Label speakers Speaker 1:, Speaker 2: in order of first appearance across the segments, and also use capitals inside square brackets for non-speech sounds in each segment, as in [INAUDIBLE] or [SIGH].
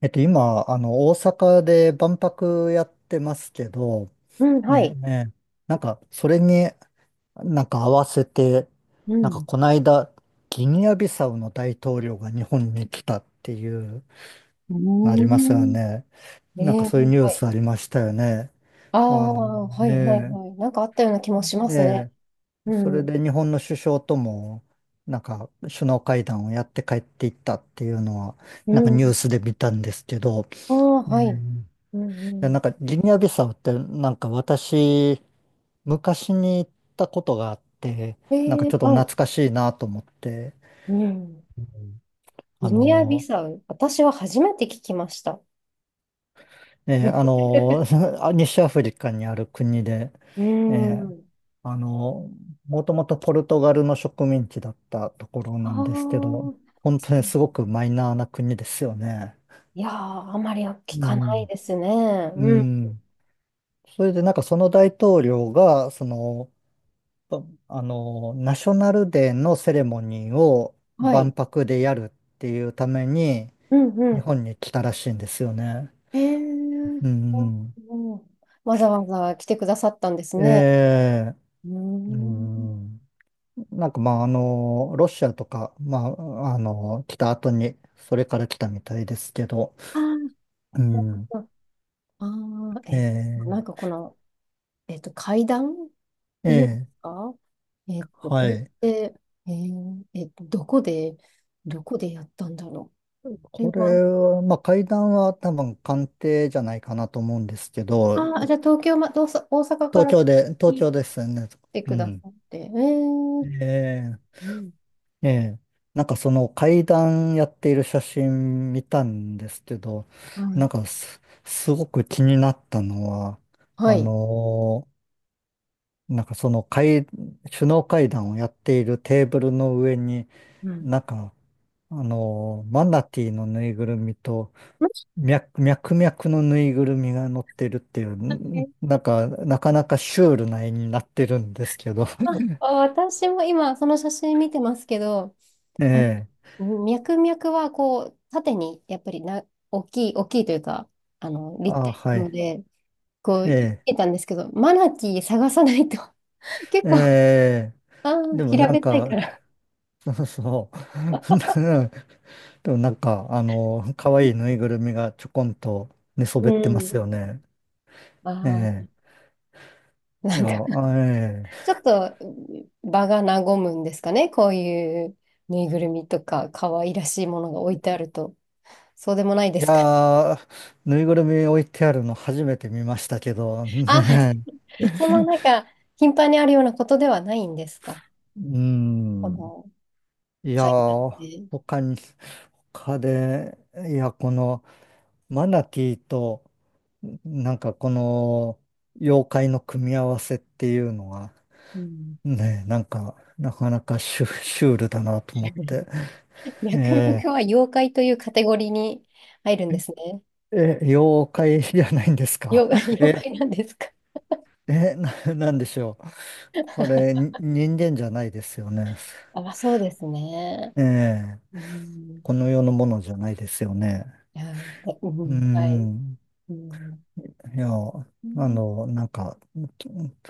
Speaker 1: 今、大阪で万博やってますけど、
Speaker 2: うん、は
Speaker 1: ね、
Speaker 2: い。
Speaker 1: ね、それに合わせて、
Speaker 2: うん。
Speaker 1: この間、ギニアビサウの大統領が日本に来たっていう、ありますよね。
Speaker 2: ええ、
Speaker 1: そういうニュー
Speaker 2: はい。
Speaker 1: スありましたよね。
Speaker 2: あ
Speaker 1: あの、
Speaker 2: あ、はいはい
Speaker 1: ね、
Speaker 2: はい。なんかあったような気もしますね。
Speaker 1: ね、
Speaker 2: う
Speaker 1: それ
Speaker 2: ん。
Speaker 1: で日本の首相とも、首脳会談をやって帰っていったっていうのは、
Speaker 2: う
Speaker 1: なんかニュ
Speaker 2: ん。
Speaker 1: ースで見たんですけど、
Speaker 2: ああ、は
Speaker 1: ね。
Speaker 2: い。うんう
Speaker 1: や、なん
Speaker 2: ん。
Speaker 1: かギニアビサウって私、昔に行ったことがあって、なんか
Speaker 2: ええ、
Speaker 1: ちょっと
Speaker 2: はい。
Speaker 1: 懐かしいなと思って。
Speaker 2: うん。
Speaker 1: あ
Speaker 2: ギニアビ
Speaker 1: の、
Speaker 2: サウ。私は初めて聞きました。
Speaker 1: えーあの、
Speaker 2: [LAUGHS]
Speaker 1: [LAUGHS] あ、西アフリカにある国で、
Speaker 2: う
Speaker 1: えー
Speaker 2: ん。
Speaker 1: あの、もともとポルトガルの植民地だったところ
Speaker 2: [LAUGHS] あ
Speaker 1: な
Speaker 2: あ。
Speaker 1: んですけど、本当にすごくマイナーな国ですよね。
Speaker 2: いやー、あまり
Speaker 1: う
Speaker 2: 聞かない
Speaker 1: ん。
Speaker 2: ですね。
Speaker 1: う
Speaker 2: うん。
Speaker 1: ん。それでその大統領が、その、とナショナルデーのセレモニーを
Speaker 2: は
Speaker 1: 万
Speaker 2: い。
Speaker 1: 博でやるっていうために、
Speaker 2: うんう
Speaker 1: 日
Speaker 2: ん。
Speaker 1: 本に来たらしいんですよね。
Speaker 2: ええ。うん、
Speaker 1: うんうん。
Speaker 2: わざわざ来てくださったんですね。
Speaker 1: ええ、
Speaker 2: う
Speaker 1: う
Speaker 2: ん。
Speaker 1: ん。まあ、ロシアとか、まあ、来た後に、それから来たみたいですけど、う
Speaker 2: なるほ
Speaker 1: ん。
Speaker 2: ど。ああ、
Speaker 1: え
Speaker 2: え、なんか
Speaker 1: え、
Speaker 2: この、階段っ
Speaker 1: え
Speaker 2: ていうんです
Speaker 1: え、
Speaker 2: か？
Speaker 1: は
Speaker 2: これっ
Speaker 1: い。
Speaker 2: て、どこで、どこでやったんだろう。これ
Speaker 1: これ
Speaker 2: は、
Speaker 1: は、まあ、会談は多分官邸じゃないかなと思うんですけど、
Speaker 2: ああ、じゃあ東京ま、どうさ、大阪から
Speaker 1: 東
Speaker 2: 来
Speaker 1: 京ですよね。
Speaker 2: て
Speaker 1: う
Speaker 2: くだ
Speaker 1: ん。
Speaker 2: さって。
Speaker 1: ええ、
Speaker 2: うん、
Speaker 1: ええ。その階段やっている写真見たんですけど、
Speaker 2: はい。
Speaker 1: すごく気になったのは、
Speaker 2: は
Speaker 1: あ
Speaker 2: い。
Speaker 1: のーなんかその階、首脳会談をやっているテーブルの上に、
Speaker 2: うん。
Speaker 1: なんか、マナティーのぬいぐるみと、
Speaker 2: は
Speaker 1: 脈々のぬいぐるみが乗ってるっていう、なかなかシュールな絵になってるんですけど。
Speaker 2: い、あ、私も今、その写真見てますけど、
Speaker 1: [LAUGHS] え
Speaker 2: あ、
Speaker 1: え、
Speaker 2: 脈々はこう、縦にやっぱりな、大きい、大きいというか、立
Speaker 1: あ、
Speaker 2: 体
Speaker 1: は
Speaker 2: なの
Speaker 1: い、
Speaker 2: で、こう、
Speaker 1: え
Speaker 2: 言
Speaker 1: え。
Speaker 2: えたんですけど、マナティー探さないと、[LAUGHS] 結構、
Speaker 1: ええ、でも
Speaker 2: 平べったいから。
Speaker 1: そうそう。[LAUGHS] でも可愛いぬいぐるみがちょこんと寝そ
Speaker 2: う
Speaker 1: べってます
Speaker 2: ん。
Speaker 1: よね。
Speaker 2: あ
Speaker 1: ええ、
Speaker 2: あ、
Speaker 1: い
Speaker 2: な
Speaker 1: や、
Speaker 2: んか、
Speaker 1: あ、え
Speaker 2: ちょ
Speaker 1: え、
Speaker 2: っと場が和むんですかね、こういうぬいぐるみとか、可愛らしいものが置いてあると、そうでもないで
Speaker 1: い
Speaker 2: すか。
Speaker 1: やー、ぬいぐるみ置いてあるの初めて見ましたけど、
Speaker 2: あ、
Speaker 1: ねえ。
Speaker 2: そんななんか、頻繁にあるようなことではないんですか、
Speaker 1: う
Speaker 2: こ
Speaker 1: ん。
Speaker 2: の
Speaker 1: いや
Speaker 2: 階段
Speaker 1: ー、
Speaker 2: で。
Speaker 1: 他に、他で、いや、この、マナティーと、この、妖怪の組み合わせっていうのは、
Speaker 2: うん、
Speaker 1: ねえ、なかなかシュールだなと思って。
Speaker 2: 脈
Speaker 1: え
Speaker 2: 々は妖怪というカテゴリーに入るんですね。
Speaker 1: ー、え、妖怪じゃないんですか？
Speaker 2: 妖、[LAUGHS]
Speaker 1: [LAUGHS]
Speaker 2: 妖
Speaker 1: え、
Speaker 2: 怪なんですか？
Speaker 1: え、なんでしょう。これ、に人間じゃないですよね。
Speaker 2: あ、[LAUGHS] そうですね。
Speaker 1: ええ、
Speaker 2: うん。
Speaker 1: この世のものじゃないですよね。
Speaker 2: いや、でう
Speaker 1: うー
Speaker 2: ん、はい。
Speaker 1: ん。
Speaker 2: うん、
Speaker 1: いや、
Speaker 2: うん、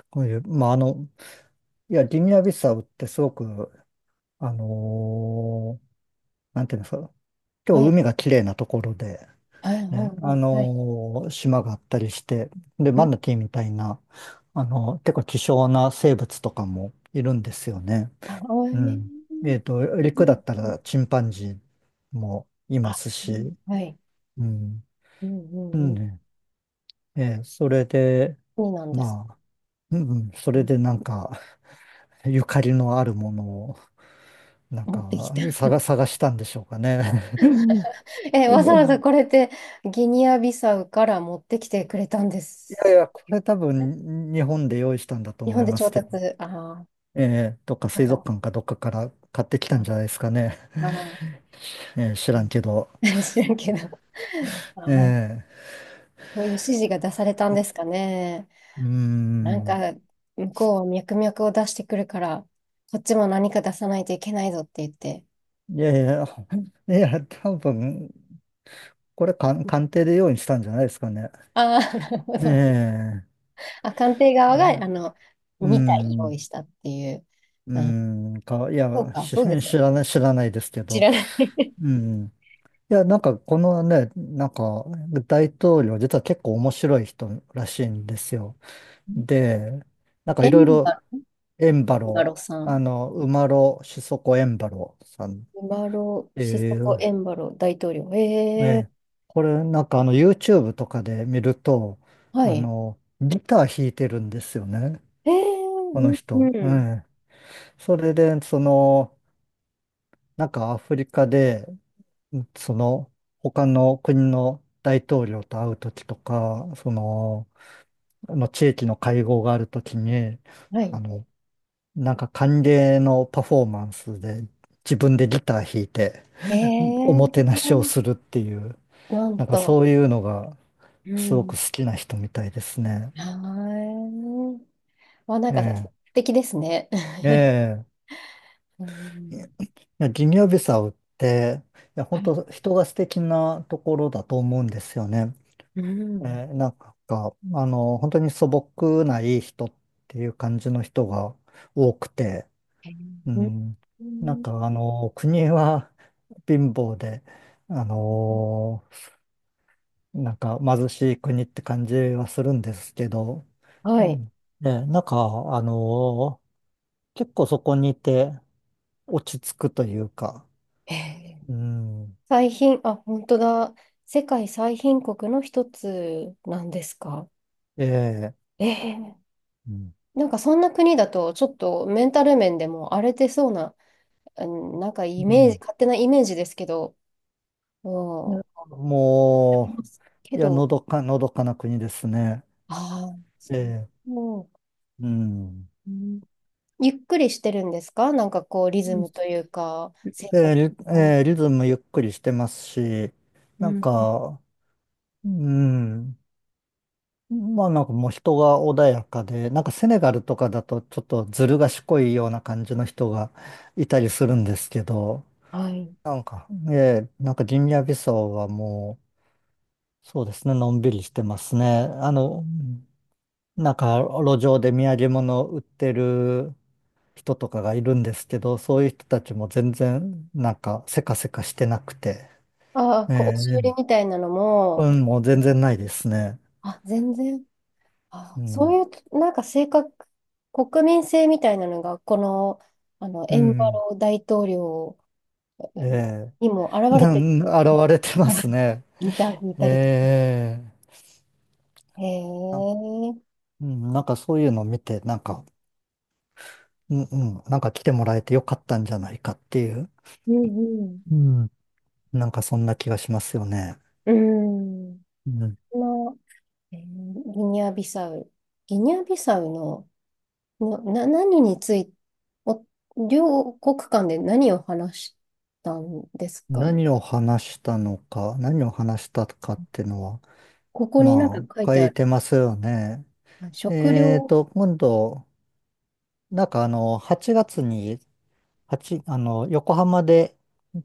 Speaker 1: こういう、まあ、あの、いや、ギニアビサウってすごく、あのーなんていうんですか、今
Speaker 2: は
Speaker 1: 日
Speaker 2: い。
Speaker 1: 海が綺麗なところで、
Speaker 2: はい。う
Speaker 1: ね、
Speaker 2: んうんはい。
Speaker 1: 島があったりして、で、
Speaker 2: う
Speaker 1: マ
Speaker 2: ん、
Speaker 1: ナティーみたいな、あの結構希少な生物とかもいるんですよね。
Speaker 2: あ、お
Speaker 1: う
Speaker 2: い。
Speaker 1: ん。えっと、
Speaker 2: う
Speaker 1: 陸だ
Speaker 2: ん
Speaker 1: った
Speaker 2: う
Speaker 1: ら
Speaker 2: ん、
Speaker 1: チンパンジーもいま
Speaker 2: あ、
Speaker 1: す
Speaker 2: う
Speaker 1: し、
Speaker 2: ん、はい。
Speaker 1: うん。
Speaker 2: うんう
Speaker 1: う
Speaker 2: んう
Speaker 1: ん
Speaker 2: ん。
Speaker 1: ね。ええ、それで、
Speaker 2: そうなんです。
Speaker 1: まあ、うんうん、そ
Speaker 2: う
Speaker 1: れ
Speaker 2: ん、
Speaker 1: で[LAUGHS] ゆかりのあるものを、
Speaker 2: 持ってきた。
Speaker 1: 探したんでしょうかね。
Speaker 2: [LAUGHS] え、わざわざ
Speaker 1: [LAUGHS]
Speaker 2: これってギニアビサウから持ってきてくれたんで
Speaker 1: いやい
Speaker 2: す。
Speaker 1: や、これ多分日本で用意したんだと
Speaker 2: 日
Speaker 1: 思
Speaker 2: 本
Speaker 1: い
Speaker 2: で
Speaker 1: ま
Speaker 2: 調
Speaker 1: すけど、
Speaker 2: 達。ああ、
Speaker 1: えー、どっか
Speaker 2: なん
Speaker 1: 水族
Speaker 2: か、
Speaker 1: 館かどっかから買ってきた
Speaker 2: あ
Speaker 1: んじゃないですかね。
Speaker 2: あー。
Speaker 1: [LAUGHS] えー、知らんけど。
Speaker 2: [LAUGHS] 知らんけど。あ
Speaker 1: え
Speaker 2: ー、
Speaker 1: ー、
Speaker 2: そういう指示が出されたんですかね。
Speaker 1: うー
Speaker 2: なん
Speaker 1: ん。
Speaker 2: か、向こうは脈々を出してくるから、こっちも何か出さないといけないぞって言って。
Speaker 1: いやいや、[LAUGHS] いや、多分、これ鑑定で用意したんじゃないですかね。
Speaker 2: ああ、なるほど。
Speaker 1: ええ、
Speaker 2: あ、官邸側が、
Speaker 1: う
Speaker 2: 2体用
Speaker 1: ん、
Speaker 2: 意したっていう。
Speaker 1: う
Speaker 2: あ、
Speaker 1: ん、か、い
Speaker 2: そう
Speaker 1: や、
Speaker 2: か、そうです。
Speaker 1: 知らない、知らないですけ
Speaker 2: 知
Speaker 1: ど。
Speaker 2: らない。
Speaker 1: うん。いや、このね、大統領、実は結構面白い人らしいんですよ。
Speaker 2: [LAUGHS]
Speaker 1: で、なんかい
Speaker 2: エ
Speaker 1: ろい
Speaker 2: ン
Speaker 1: ろ
Speaker 2: バ、
Speaker 1: エンバ
Speaker 2: エンバ
Speaker 1: ロ
Speaker 2: ロさ
Speaker 1: ー、
Speaker 2: ん。
Speaker 1: あの、馬呂シソコエンバローさんっ
Speaker 2: エンバロ、
Speaker 1: て
Speaker 2: シソ
Speaker 1: い
Speaker 2: コ・
Speaker 1: う、
Speaker 2: エンバロ大統領。
Speaker 1: えー、
Speaker 2: ええ、
Speaker 1: えー、これなんかあの YouTube とかで見ると、
Speaker 2: は
Speaker 1: あ
Speaker 2: い。
Speaker 1: の、ギター弾いてるんですよね、
Speaker 2: ええ、
Speaker 1: この
Speaker 2: うん、う
Speaker 1: 人。え
Speaker 2: ん、
Speaker 1: え、それで、その、なんかアフリカで、その、他の国の大統領と会うときとか、その、あの地域の会合があるときに、
Speaker 2: は
Speaker 1: あ
Speaker 2: い。
Speaker 1: の、なんか歓迎のパフォーマンスで自分でギター弾いて、おも
Speaker 2: え
Speaker 1: て
Speaker 2: ー、
Speaker 1: なしをするっていう、
Speaker 2: なん
Speaker 1: なんか
Speaker 2: と。
Speaker 1: そういうのが
Speaker 2: う
Speaker 1: すごく
Speaker 2: ん。
Speaker 1: 好きな人みたいですね。
Speaker 2: はい。ま、なんか、素
Speaker 1: え
Speaker 2: 敵ですね。
Speaker 1: え、
Speaker 2: [LAUGHS]
Speaker 1: ええ。
Speaker 2: うん。
Speaker 1: いや、ギニアビサウって、いや、
Speaker 2: は
Speaker 1: 本
Speaker 2: い。
Speaker 1: 当人が素敵なところだと思うんですよね。
Speaker 2: うん。
Speaker 1: ええ、なんか、あの、本当に素朴ないい人っていう感じの人が多くて、
Speaker 2: へ
Speaker 1: う
Speaker 2: ー、
Speaker 1: ん、
Speaker 2: う
Speaker 1: なん
Speaker 2: ん。
Speaker 1: かあの、国は貧乏で、あの、なんか貧しい国って感じはするんですけど、
Speaker 2: は
Speaker 1: う
Speaker 2: い。
Speaker 1: ん、で、なんか、あのー結構そこにいて落ち着くというか、
Speaker 2: へえ、
Speaker 1: うん、
Speaker 2: 最貧、あ、本当だ。世界最貧国の一つなんですか。
Speaker 1: ええ、
Speaker 2: ええ、
Speaker 1: うん、
Speaker 2: なんかそんな国だと、ちょっとメンタル面でも荒れてそうな、うん、なんかイ
Speaker 1: う
Speaker 2: メージ、
Speaker 1: ん
Speaker 2: 勝手なイメージですけど、う
Speaker 1: で、
Speaker 2: ん、あり
Speaker 1: も
Speaker 2: ますけ
Speaker 1: う、いや、
Speaker 2: ど、
Speaker 1: のどかな国ですね。
Speaker 2: ああ、そ
Speaker 1: ええ、
Speaker 2: う。
Speaker 1: うん。
Speaker 2: うん、ゆっくりしてるんですかなんかこう、リズムというか、生
Speaker 1: で、
Speaker 2: 活の。
Speaker 1: ええ、リズムゆっくりしてますし、
Speaker 2: う
Speaker 1: なん
Speaker 2: ん。
Speaker 1: か、うん、まあなんかもう人が穏やかで、なんかセネガルとかだとちょっとずる賢いような感じの人がいたりするんですけど、
Speaker 2: はい。
Speaker 1: なんか、ええ、なんかギニアビサウはもう、そうですね、のんびりしてますね。あの、なんか路上で土産物売ってる人とかがいるんですけど、そういう人たちも全然なんかせかせかしてなくて、
Speaker 2: ああ、
Speaker 1: え
Speaker 2: こう、押し売り
Speaker 1: え、
Speaker 2: みたいなの
Speaker 1: う
Speaker 2: も、
Speaker 1: ん、もう
Speaker 2: え、
Speaker 1: 全然ないですね。
Speaker 2: あ、全然、
Speaker 1: う
Speaker 2: あ、そ
Speaker 1: ん、
Speaker 2: ういう、なんか性格、国民性みたいなのが、この、
Speaker 1: う
Speaker 2: エンバ
Speaker 1: ん、
Speaker 2: ロ大統領
Speaker 1: ええ。
Speaker 2: にも現れて、
Speaker 1: 現れてます
Speaker 2: [LAUGHS]
Speaker 1: ね。
Speaker 2: いたりとか。
Speaker 1: ええ、
Speaker 2: へえ。
Speaker 1: なんか、
Speaker 2: うん
Speaker 1: うん、なんかそういうのを見て、なんか、うんうん、なんか来てもらえてよかったんじゃないかっていう、
Speaker 2: うん。
Speaker 1: うん、なんかそんな気がしますよね。
Speaker 2: うん。
Speaker 1: うん、
Speaker 2: この、えーギニアビサウ。ギニアビサウの、何について、お、両国間で何を話したんですか？
Speaker 1: 何を話したかっていうのは、
Speaker 2: ここになんか
Speaker 1: ま
Speaker 2: 書い
Speaker 1: あ、書
Speaker 2: てあ
Speaker 1: い
Speaker 2: る。
Speaker 1: てますよね。
Speaker 2: あ、食
Speaker 1: えー
Speaker 2: 料。
Speaker 1: と、今度、なんかあの、8月にあの、横浜で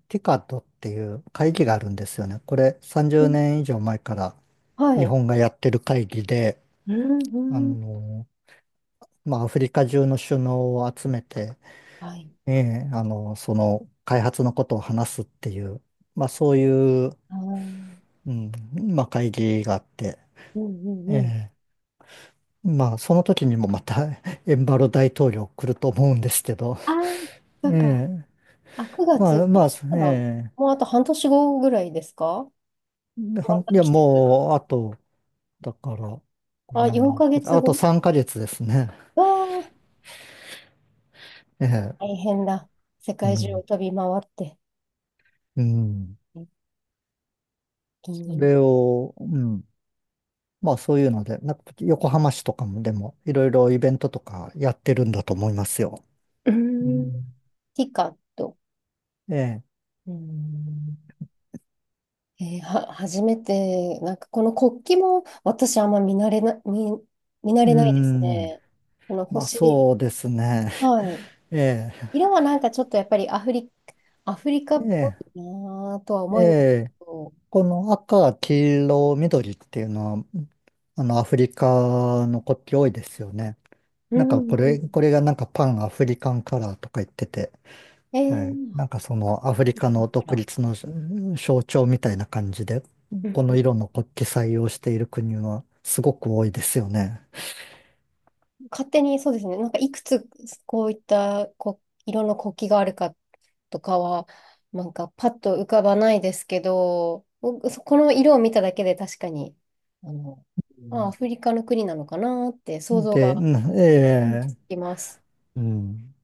Speaker 1: ティカトっていう会議があるんですよね。これ30
Speaker 2: うん、
Speaker 1: 年以上前から
Speaker 2: は
Speaker 1: 日
Speaker 2: い。
Speaker 1: 本がやってる会議で、
Speaker 2: う
Speaker 1: あ
Speaker 2: んうん。
Speaker 1: の、まあ、アフリカ中の首脳を集めて、
Speaker 2: はい。
Speaker 1: ええ、あの、その開発のことを話すっていう、まあ、そういう、
Speaker 2: あー、うん
Speaker 1: うん、まあ、会議があって、
Speaker 2: う
Speaker 1: え
Speaker 2: んうん。
Speaker 1: え、まあ、その時にもまた [LAUGHS] エンバロ大統領来ると思うんですけど、
Speaker 2: あー、そうか。
Speaker 1: ええ、
Speaker 2: あ、9
Speaker 1: まあ、
Speaker 2: 月。
Speaker 1: まあ、
Speaker 2: そしたら、も
Speaker 1: ええ、
Speaker 2: うあと半年後ぐらいですか、
Speaker 1: で
Speaker 2: ま
Speaker 1: い
Speaker 2: た
Speaker 1: や、
Speaker 2: 来てくる。
Speaker 1: もう、あと、だから、
Speaker 2: あ、4ヶ
Speaker 1: 7、
Speaker 2: 月
Speaker 1: あ
Speaker 2: 後。
Speaker 1: と3ヶ月ですね。[LAUGHS]
Speaker 2: わあ、
Speaker 1: ええ、
Speaker 2: 大変だ。世
Speaker 1: う
Speaker 2: 界中を
Speaker 1: ん、
Speaker 2: 飛び回って。
Speaker 1: うん。
Speaker 2: 一気
Speaker 1: そ
Speaker 2: に。
Speaker 1: れを、うん。まあそういうので、なんか横浜市とかもでも、いろいろイベントとかやってるんだと思いますよ。
Speaker 2: うー
Speaker 1: う
Speaker 2: ん。
Speaker 1: ん。
Speaker 2: ティカと。
Speaker 1: ええ、
Speaker 2: うーん、は、初めて、なんかこの国旗も私あんま見慣
Speaker 1: う
Speaker 2: れないです
Speaker 1: ん。
Speaker 2: ね。この
Speaker 1: まあ
Speaker 2: 星、
Speaker 1: そうですね。
Speaker 2: はい。
Speaker 1: [LAUGHS] ええ、
Speaker 2: 色はなんかちょっとやっぱりアフリカっぽ
Speaker 1: え
Speaker 2: いなぁとは
Speaker 1: え、え
Speaker 2: 思います
Speaker 1: え。
Speaker 2: けど。
Speaker 1: この赤、黄色、緑っていうのは、あの、アフリカの国旗多いですよね。
Speaker 2: う
Speaker 1: なん
Speaker 2: ん
Speaker 1: か
Speaker 2: う
Speaker 1: これ、こ
Speaker 2: ん。
Speaker 1: れがなんかパンアフリカンカラーとか言ってて、
Speaker 2: え
Speaker 1: はい。
Speaker 2: ー、
Speaker 1: なんかそのアフリカ
Speaker 2: ほ
Speaker 1: の独
Speaker 2: ら。
Speaker 1: 立の象徴みたいな感じで、この色の国旗採用している国はすごく多いですよね。
Speaker 2: 勝手にそうですね、なんかいくつこういったこ色の国旗があるかとかは、なんかパッと浮かばないですけど、僕そこの色を見ただけで確かに、あの、あ、ア
Speaker 1: う
Speaker 2: フリカの国なのかなって想
Speaker 1: ん
Speaker 2: 像
Speaker 1: で、う
Speaker 2: が
Speaker 1: んえ
Speaker 2: うんで
Speaker 1: え
Speaker 2: きます。
Speaker 1: うん。